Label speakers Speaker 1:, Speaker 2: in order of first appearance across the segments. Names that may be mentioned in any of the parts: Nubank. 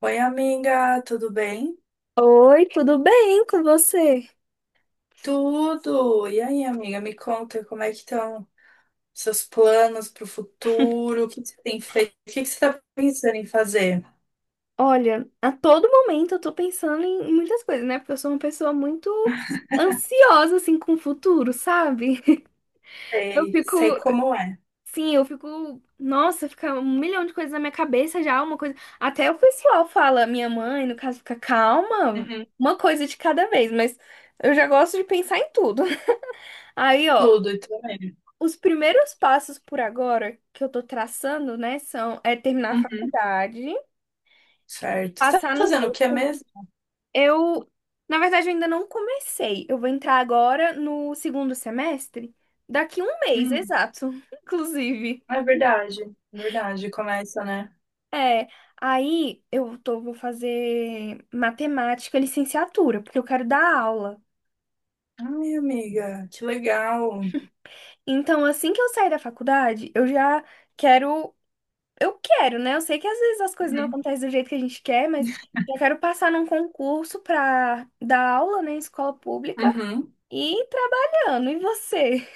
Speaker 1: Oi, amiga, tudo bem?
Speaker 2: Oi, tudo bem com você?
Speaker 1: Tudo! E aí, amiga, me conta como é que estão seus planos para o futuro? O que que você tem feito? O que que você está pensando em fazer?
Speaker 2: Olha, a todo momento eu tô pensando em muitas coisas, né? Porque eu sou uma pessoa muito ansiosa, assim, com o futuro, sabe? Eu
Speaker 1: Sei,
Speaker 2: fico,
Speaker 1: sei como é.
Speaker 2: sim, eu fico, nossa, fica um milhão de coisas na minha cabeça já, uma coisa. Até o pessoal fala, minha mãe, no caso, fica calma,
Speaker 1: Uhum.
Speaker 2: uma coisa de cada vez, mas eu já gosto de pensar em tudo. Aí, ó,
Speaker 1: Tudo e também.
Speaker 2: os primeiros passos por agora que eu tô traçando, né, são é terminar a
Speaker 1: Uhum.
Speaker 2: faculdade.
Speaker 1: Certo. Você tá
Speaker 2: Passar num
Speaker 1: fazendo o que é
Speaker 2: concurso.
Speaker 1: mesmo?
Speaker 2: Eu, Na verdade, eu ainda não comecei. Eu vou entrar agora no segundo semestre, daqui um mês,
Speaker 1: Uhum.
Speaker 2: exato, inclusive.
Speaker 1: É verdade, começa, né?
Speaker 2: É, aí vou fazer matemática, licenciatura, porque eu quero dar aula.
Speaker 1: Ai, amiga, que legal.
Speaker 2: Então, assim que eu sair da faculdade, quero, eu quero, né? Eu sei que às vezes as coisas não
Speaker 1: Uhum,
Speaker 2: acontecem do jeito que a gente quer, mas eu quero passar num concurso pra dar aula, né, em escola pública
Speaker 1: uhum.
Speaker 2: e ir trabalhando. E você?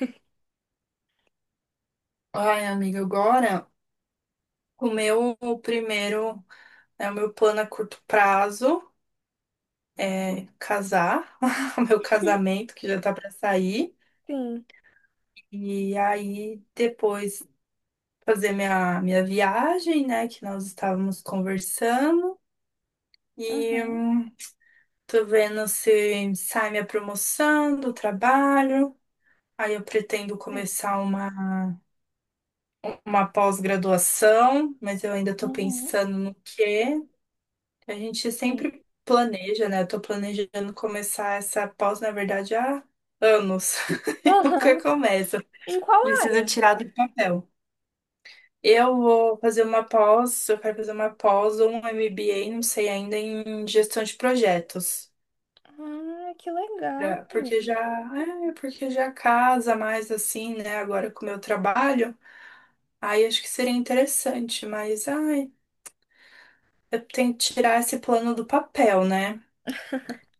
Speaker 1: Ai, amiga, agora o meu primeiro é o meu plano a curto prazo. É, casar, o meu casamento que já tá para sair,
Speaker 2: Sim.
Speaker 1: e aí depois fazer minha viagem, né, que nós estávamos conversando, e
Speaker 2: Uhum.
Speaker 1: tô vendo se sai minha promoção do trabalho, aí eu pretendo
Speaker 2: É.
Speaker 1: começar uma pós-graduação, mas eu ainda tô
Speaker 2: Uhum.
Speaker 1: pensando no quê. A gente
Speaker 2: Sim.
Speaker 1: sempre planeja, né, eu tô planejando começar essa pós, na verdade, há anos. Nunca
Speaker 2: Aham.
Speaker 1: começa.
Speaker 2: Em qual
Speaker 1: Preciso
Speaker 2: área?
Speaker 1: tirar do papel. Eu vou fazer uma pós, eu quero fazer uma pós ou um MBA, não sei ainda, em gestão de projetos.
Speaker 2: Ah, que legal.
Speaker 1: Porque já, é, porque já casa mais assim, né, agora com o meu trabalho. Aí acho que seria interessante, mas ai, eu tenho que tirar esse plano do papel, né?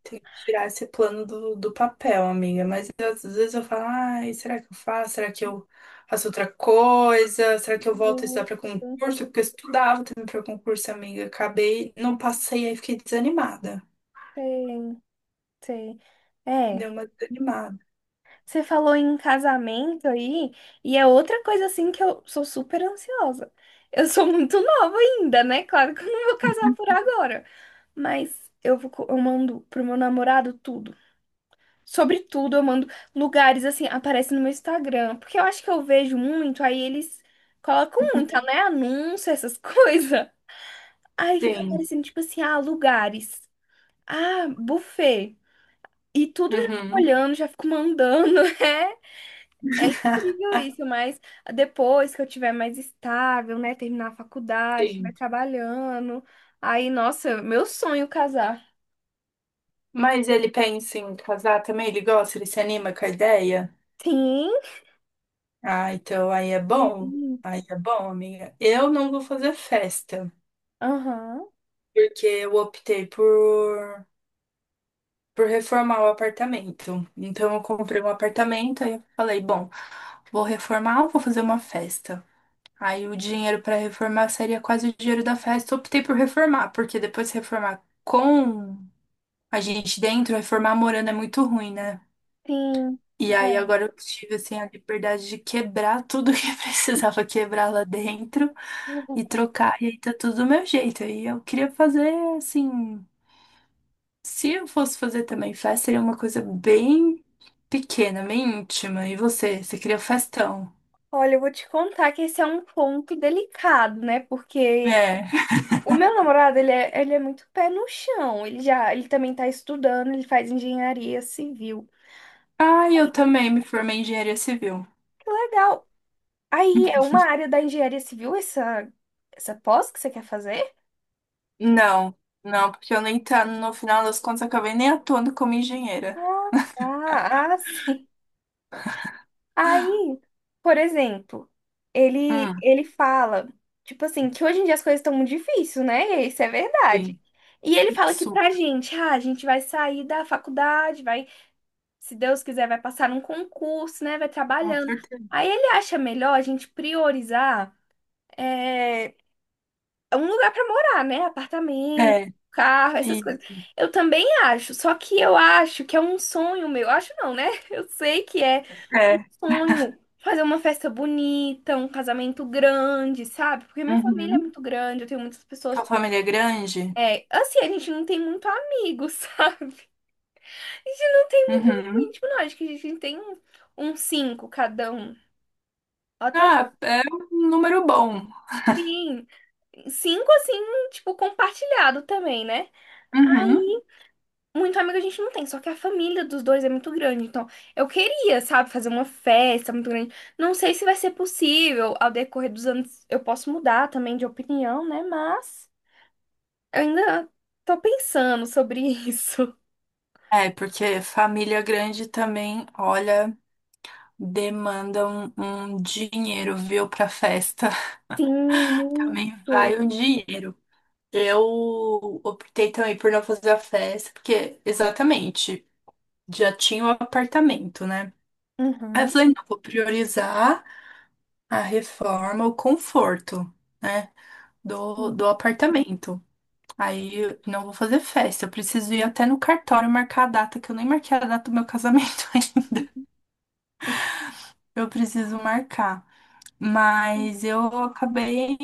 Speaker 1: Tem que tirar esse plano do papel, amiga. Mas às vezes eu falo, ai, será que eu faço? Será que eu faço outra coisa? Será que eu volto a estudar
Speaker 2: Justo.
Speaker 1: para concurso? Porque eu estudava também para concurso, amiga. Acabei, não passei, aí fiquei desanimada.
Speaker 2: Sei, sei.
Speaker 1: Deu
Speaker 2: É,
Speaker 1: uma desanimada.
Speaker 2: você falou em casamento aí, e é outra coisa assim que eu sou super ansiosa. Eu sou muito nova ainda, né? Claro que eu não vou casar por agora, mas eu mando pro meu namorado tudo. Sobretudo, eu mando lugares assim, aparece no meu Instagram. Porque eu acho que eu vejo muito, aí eles colocam muito,
Speaker 1: Uhum.
Speaker 2: né? Anúncio, essas coisas. Aí fica
Speaker 1: Sim.
Speaker 2: aparecendo, tipo assim, ah, lugares. Ah, buffet. E tudo eu já fico
Speaker 1: Uhum.
Speaker 2: olhando, já fico mandando. É, é incrível isso, mas depois que eu tiver mais estável, né? Terminar a faculdade, estiver
Speaker 1: Sim.
Speaker 2: trabalhando. Aí, nossa, meu sonho casar.
Speaker 1: Mas ele pensa em casar também? Ele gosta? Ele se anima com a ideia?
Speaker 2: Sim.
Speaker 1: Ah, então aí é bom.
Speaker 2: Sim.
Speaker 1: Aí é bom, amiga. Eu não vou fazer festa,
Speaker 2: Aham.
Speaker 1: porque eu optei por reformar o apartamento. Então eu comprei um apartamento, aí eu falei, bom, vou reformar ou vou fazer uma festa? Aí o dinheiro para reformar seria quase o dinheiro da festa. Eu optei por reformar, porque depois de reformar com a gente dentro, reformar morando é muito ruim, né?
Speaker 2: Sim.
Speaker 1: E aí
Speaker 2: Ai.
Speaker 1: agora eu tive assim a liberdade de quebrar tudo que precisava quebrar lá dentro e trocar, e aí tá tudo do meu jeito. Aí eu queria fazer assim. Se eu fosse fazer também festa, seria uma coisa bem pequena, bem íntima. E você? Você queria festão?
Speaker 2: Olha, eu vou te contar que esse é um ponto delicado, né? Porque
Speaker 1: É.
Speaker 2: o meu namorado, ele é muito pé no chão. Ele também tá estudando, ele faz engenharia civil.
Speaker 1: Ah, eu também me formei em engenharia civil.
Speaker 2: Que legal. Aí, é uma área da engenharia civil essa pós que você quer fazer?
Speaker 1: Não, não, porque eu nem tá, no final das contas, acabei nem atuando como engenheira.
Speaker 2: Ah, ah, ah, sim. Aí, por exemplo, ele
Speaker 1: Hum,
Speaker 2: ele fala, tipo assim, que hoje em dia as coisas estão muito difíceis, né? Isso é
Speaker 1: sim,
Speaker 2: verdade. E ele fala que
Speaker 1: isso,
Speaker 2: pra gente, ah, a gente vai sair da faculdade, vai se Deus quiser, vai passar num concurso, né? Vai
Speaker 1: com
Speaker 2: trabalhando.
Speaker 1: certeza.
Speaker 2: Aí ele acha melhor a gente priorizar é, um lugar para morar, né? Apartamento,
Speaker 1: É,
Speaker 2: carro, essas coisas.
Speaker 1: isso,
Speaker 2: Eu também acho, só que eu acho que é um sonho meu. Acho não, né? Eu sei que é
Speaker 1: é.
Speaker 2: sonho. Fazer uma festa bonita, um casamento grande, sabe? Porque minha família é
Speaker 1: Uhum.
Speaker 2: muito grande, eu tenho muitas pessoas.
Speaker 1: Sua família é grande?
Speaker 2: É, assim, a gente não tem muito amigo, sabe? A gente não tem muito amigo
Speaker 1: Uhum.
Speaker 2: íntimo, não. Acho que a gente tem uns cinco cada um. Até
Speaker 1: Ah, é um número bom.
Speaker 2: sim. Cinco, assim, tipo, compartilhado também, né?
Speaker 1: Uhum.
Speaker 2: E muito amigo a gente não tem, só que a família dos dois é muito grande. Então, eu queria, sabe, fazer uma festa muito grande. Não sei se vai ser possível. Ao decorrer dos anos, eu posso mudar também de opinião, né? Mas eu ainda tô pensando sobre isso.
Speaker 1: É, porque família grande também, olha, demanda um dinheiro, viu, pra festa.
Speaker 2: Sim,
Speaker 1: Também
Speaker 2: muito.
Speaker 1: vai um dinheiro. Eu optei também por não fazer a festa, porque exatamente, já tinha o apartamento, né? Aí eu
Speaker 2: Uhum.
Speaker 1: falei, não, vou priorizar a reforma, o conforto, né, do,
Speaker 2: Uhum.
Speaker 1: do apartamento. Aí eu não vou fazer festa, eu preciso ir até no cartório marcar a data, que eu nem marquei a data do meu casamento ainda. Eu preciso marcar. Mas eu acabei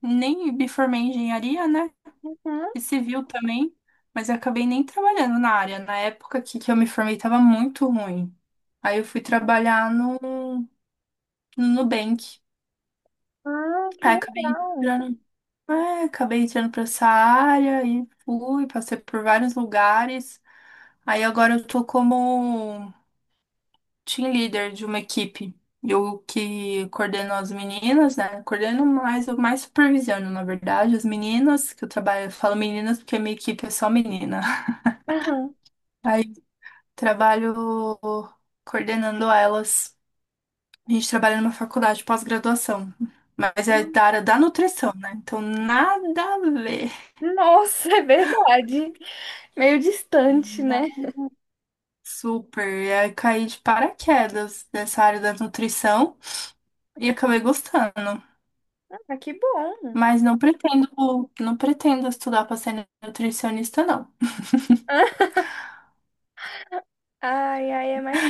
Speaker 1: nem me formei em engenharia, né?
Speaker 2: Uhum.
Speaker 1: E civil também, mas eu acabei nem trabalhando na área. Na época que eu me formei estava muito ruim. Aí eu fui trabalhar no Nubank.
Speaker 2: Ah, que
Speaker 1: Aí acabei
Speaker 2: legal.
Speaker 1: entrando, é, acabei entrando para essa área e fui, passei por vários lugares. Aí agora eu tô como team leader de uma equipe. Eu que coordeno as meninas, né? Coordeno mais, eu mais supervisiono, na verdade, as meninas, que eu trabalho, eu falo meninas porque a minha equipe é só menina.
Speaker 2: Aham.
Speaker 1: Aí trabalho coordenando elas. A gente trabalha numa faculdade de pós-graduação, mas é da área da nutrição, né? Então nada a ver.
Speaker 2: Nossa, é verdade. Meio distante, né?
Speaker 1: Nada. Super. E aí caí de paraquedas nessa área da nutrição e acabei gostando.
Speaker 2: Ah, que bom.
Speaker 1: Mas não pretendo, não pretendo estudar para ser nutricionista, não.
Speaker 2: Ai, ai, é mais.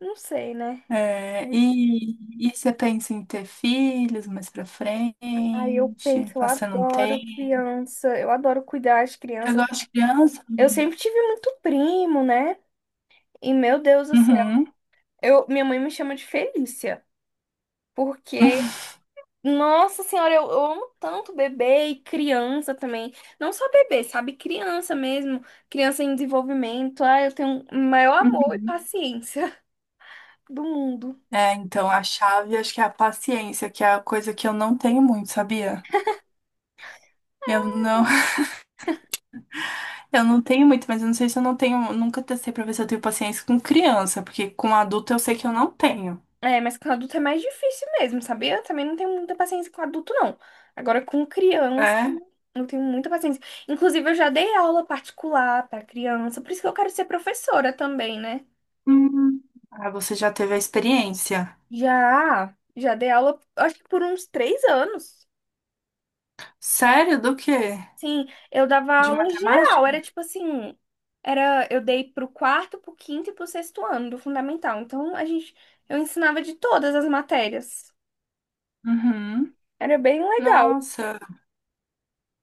Speaker 2: Não sei, né?
Speaker 1: É, e você pensa em ter filhos mais pra frente,
Speaker 2: Ai, eu penso, eu
Speaker 1: passando um
Speaker 2: adoro
Speaker 1: tempo?
Speaker 2: criança, eu adoro cuidar de
Speaker 1: Eu
Speaker 2: crianças.
Speaker 1: gosto de criança?
Speaker 2: Eu
Speaker 1: Amiga.
Speaker 2: sempre tive muito primo, né? E meu Deus do céu,
Speaker 1: Uhum.
Speaker 2: minha mãe me chama de Felícia. Porque, nossa senhora, eu amo tanto bebê e criança também. Não só bebê, sabe? Criança mesmo. Criança em desenvolvimento. Ai, eu tenho o maior amor e
Speaker 1: Uhum.
Speaker 2: paciência do mundo.
Speaker 1: É, então a chave acho que é a paciência, que é a coisa que eu não tenho muito, sabia? Eu não, eu não tenho muito, mas eu não sei se eu não tenho, nunca testei pra ver se eu tenho paciência com criança, porque com adulto eu sei que eu não tenho.
Speaker 2: É, mas com adulto é mais difícil mesmo, sabia? Eu também não tenho muita paciência com adulto, não. Agora, com criança,
Speaker 1: É?
Speaker 2: eu tenho muita paciência. Inclusive, eu já dei aula particular para criança, por isso que eu quero ser professora também, né?
Speaker 1: Hum. Ah, você já teve a experiência?
Speaker 2: Já dei aula, acho que por uns 3 anos.
Speaker 1: Sério? Do quê?
Speaker 2: Sim, eu dava
Speaker 1: De
Speaker 2: aula geral, era
Speaker 1: matemática?
Speaker 2: tipo assim, eu dei pro quarto, pro quinto e pro sexto ano do fundamental. Então, eu ensinava de todas as matérias.
Speaker 1: Uhum.
Speaker 2: Era bem legal.
Speaker 1: Nossa.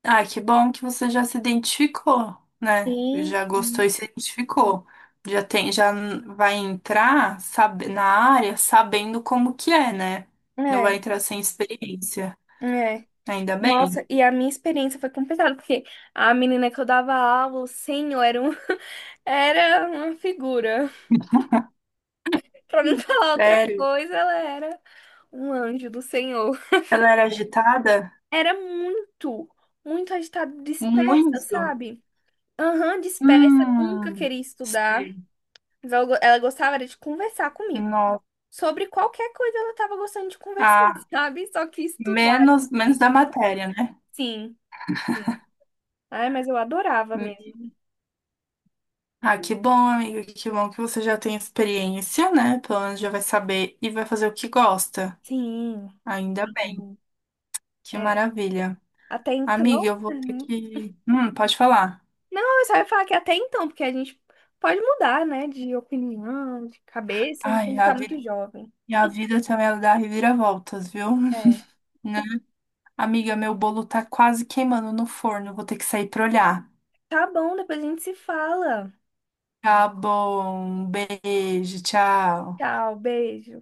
Speaker 1: Ah, que bom que você já se identificou, né? Já
Speaker 2: Sim.
Speaker 1: gostou e se identificou. Já tem, já vai entrar, sabe, na área sabendo como que é, né? Não vai
Speaker 2: É,
Speaker 1: entrar sem experiência.
Speaker 2: é.
Speaker 1: Ainda bem.
Speaker 2: Nossa, e a minha experiência foi complicada, porque a menina que eu dava aula, o senhor, era uma figura. Pra não
Speaker 1: Hum.
Speaker 2: falar outra
Speaker 1: Sério?
Speaker 2: coisa, ela era um anjo do Senhor.
Speaker 1: Ela era agitada?
Speaker 2: Era muito, muito agitada, dispersa,
Speaker 1: Muito.
Speaker 2: sabe? Aham, dispersa, nunca
Speaker 1: Hum,
Speaker 2: queria estudar.
Speaker 1: sei.
Speaker 2: Mas ela gostava era de conversar comigo.
Speaker 1: Nossa.
Speaker 2: Sobre qualquer coisa ela tava gostando de conversar,
Speaker 1: Ah,
Speaker 2: sabe? Só que estudar era
Speaker 1: menos, menos
Speaker 2: difícil.
Speaker 1: da matéria, né?
Speaker 2: Sim. Sim. Ai, mas eu adorava mesmo.
Speaker 1: Ah, que bom, amiga, que bom que você já tem experiência, né? Pelo menos já vai saber e vai fazer o que gosta.
Speaker 2: Sim.
Speaker 1: Ainda bem,
Speaker 2: Sim.
Speaker 1: que maravilha.
Speaker 2: Até então,
Speaker 1: Amiga, eu vou ter
Speaker 2: uhum.
Speaker 1: que. Pode falar.
Speaker 2: Não, eu só ia falar que até então, porque a gente pode mudar, né, de opinião, de cabeça, a gente
Speaker 1: Ai,
Speaker 2: ainda
Speaker 1: a
Speaker 2: tá
Speaker 1: vida,
Speaker 2: muito jovem.
Speaker 1: e a vida também ela dá reviravoltas, viu?
Speaker 2: É.
Speaker 1: Né? Amiga, meu bolo tá quase queimando no forno, vou ter que sair pra olhar.
Speaker 2: Tá bom, depois a gente se fala.
Speaker 1: Tá bom, um beijo, tchau.
Speaker 2: Tchau, beijo.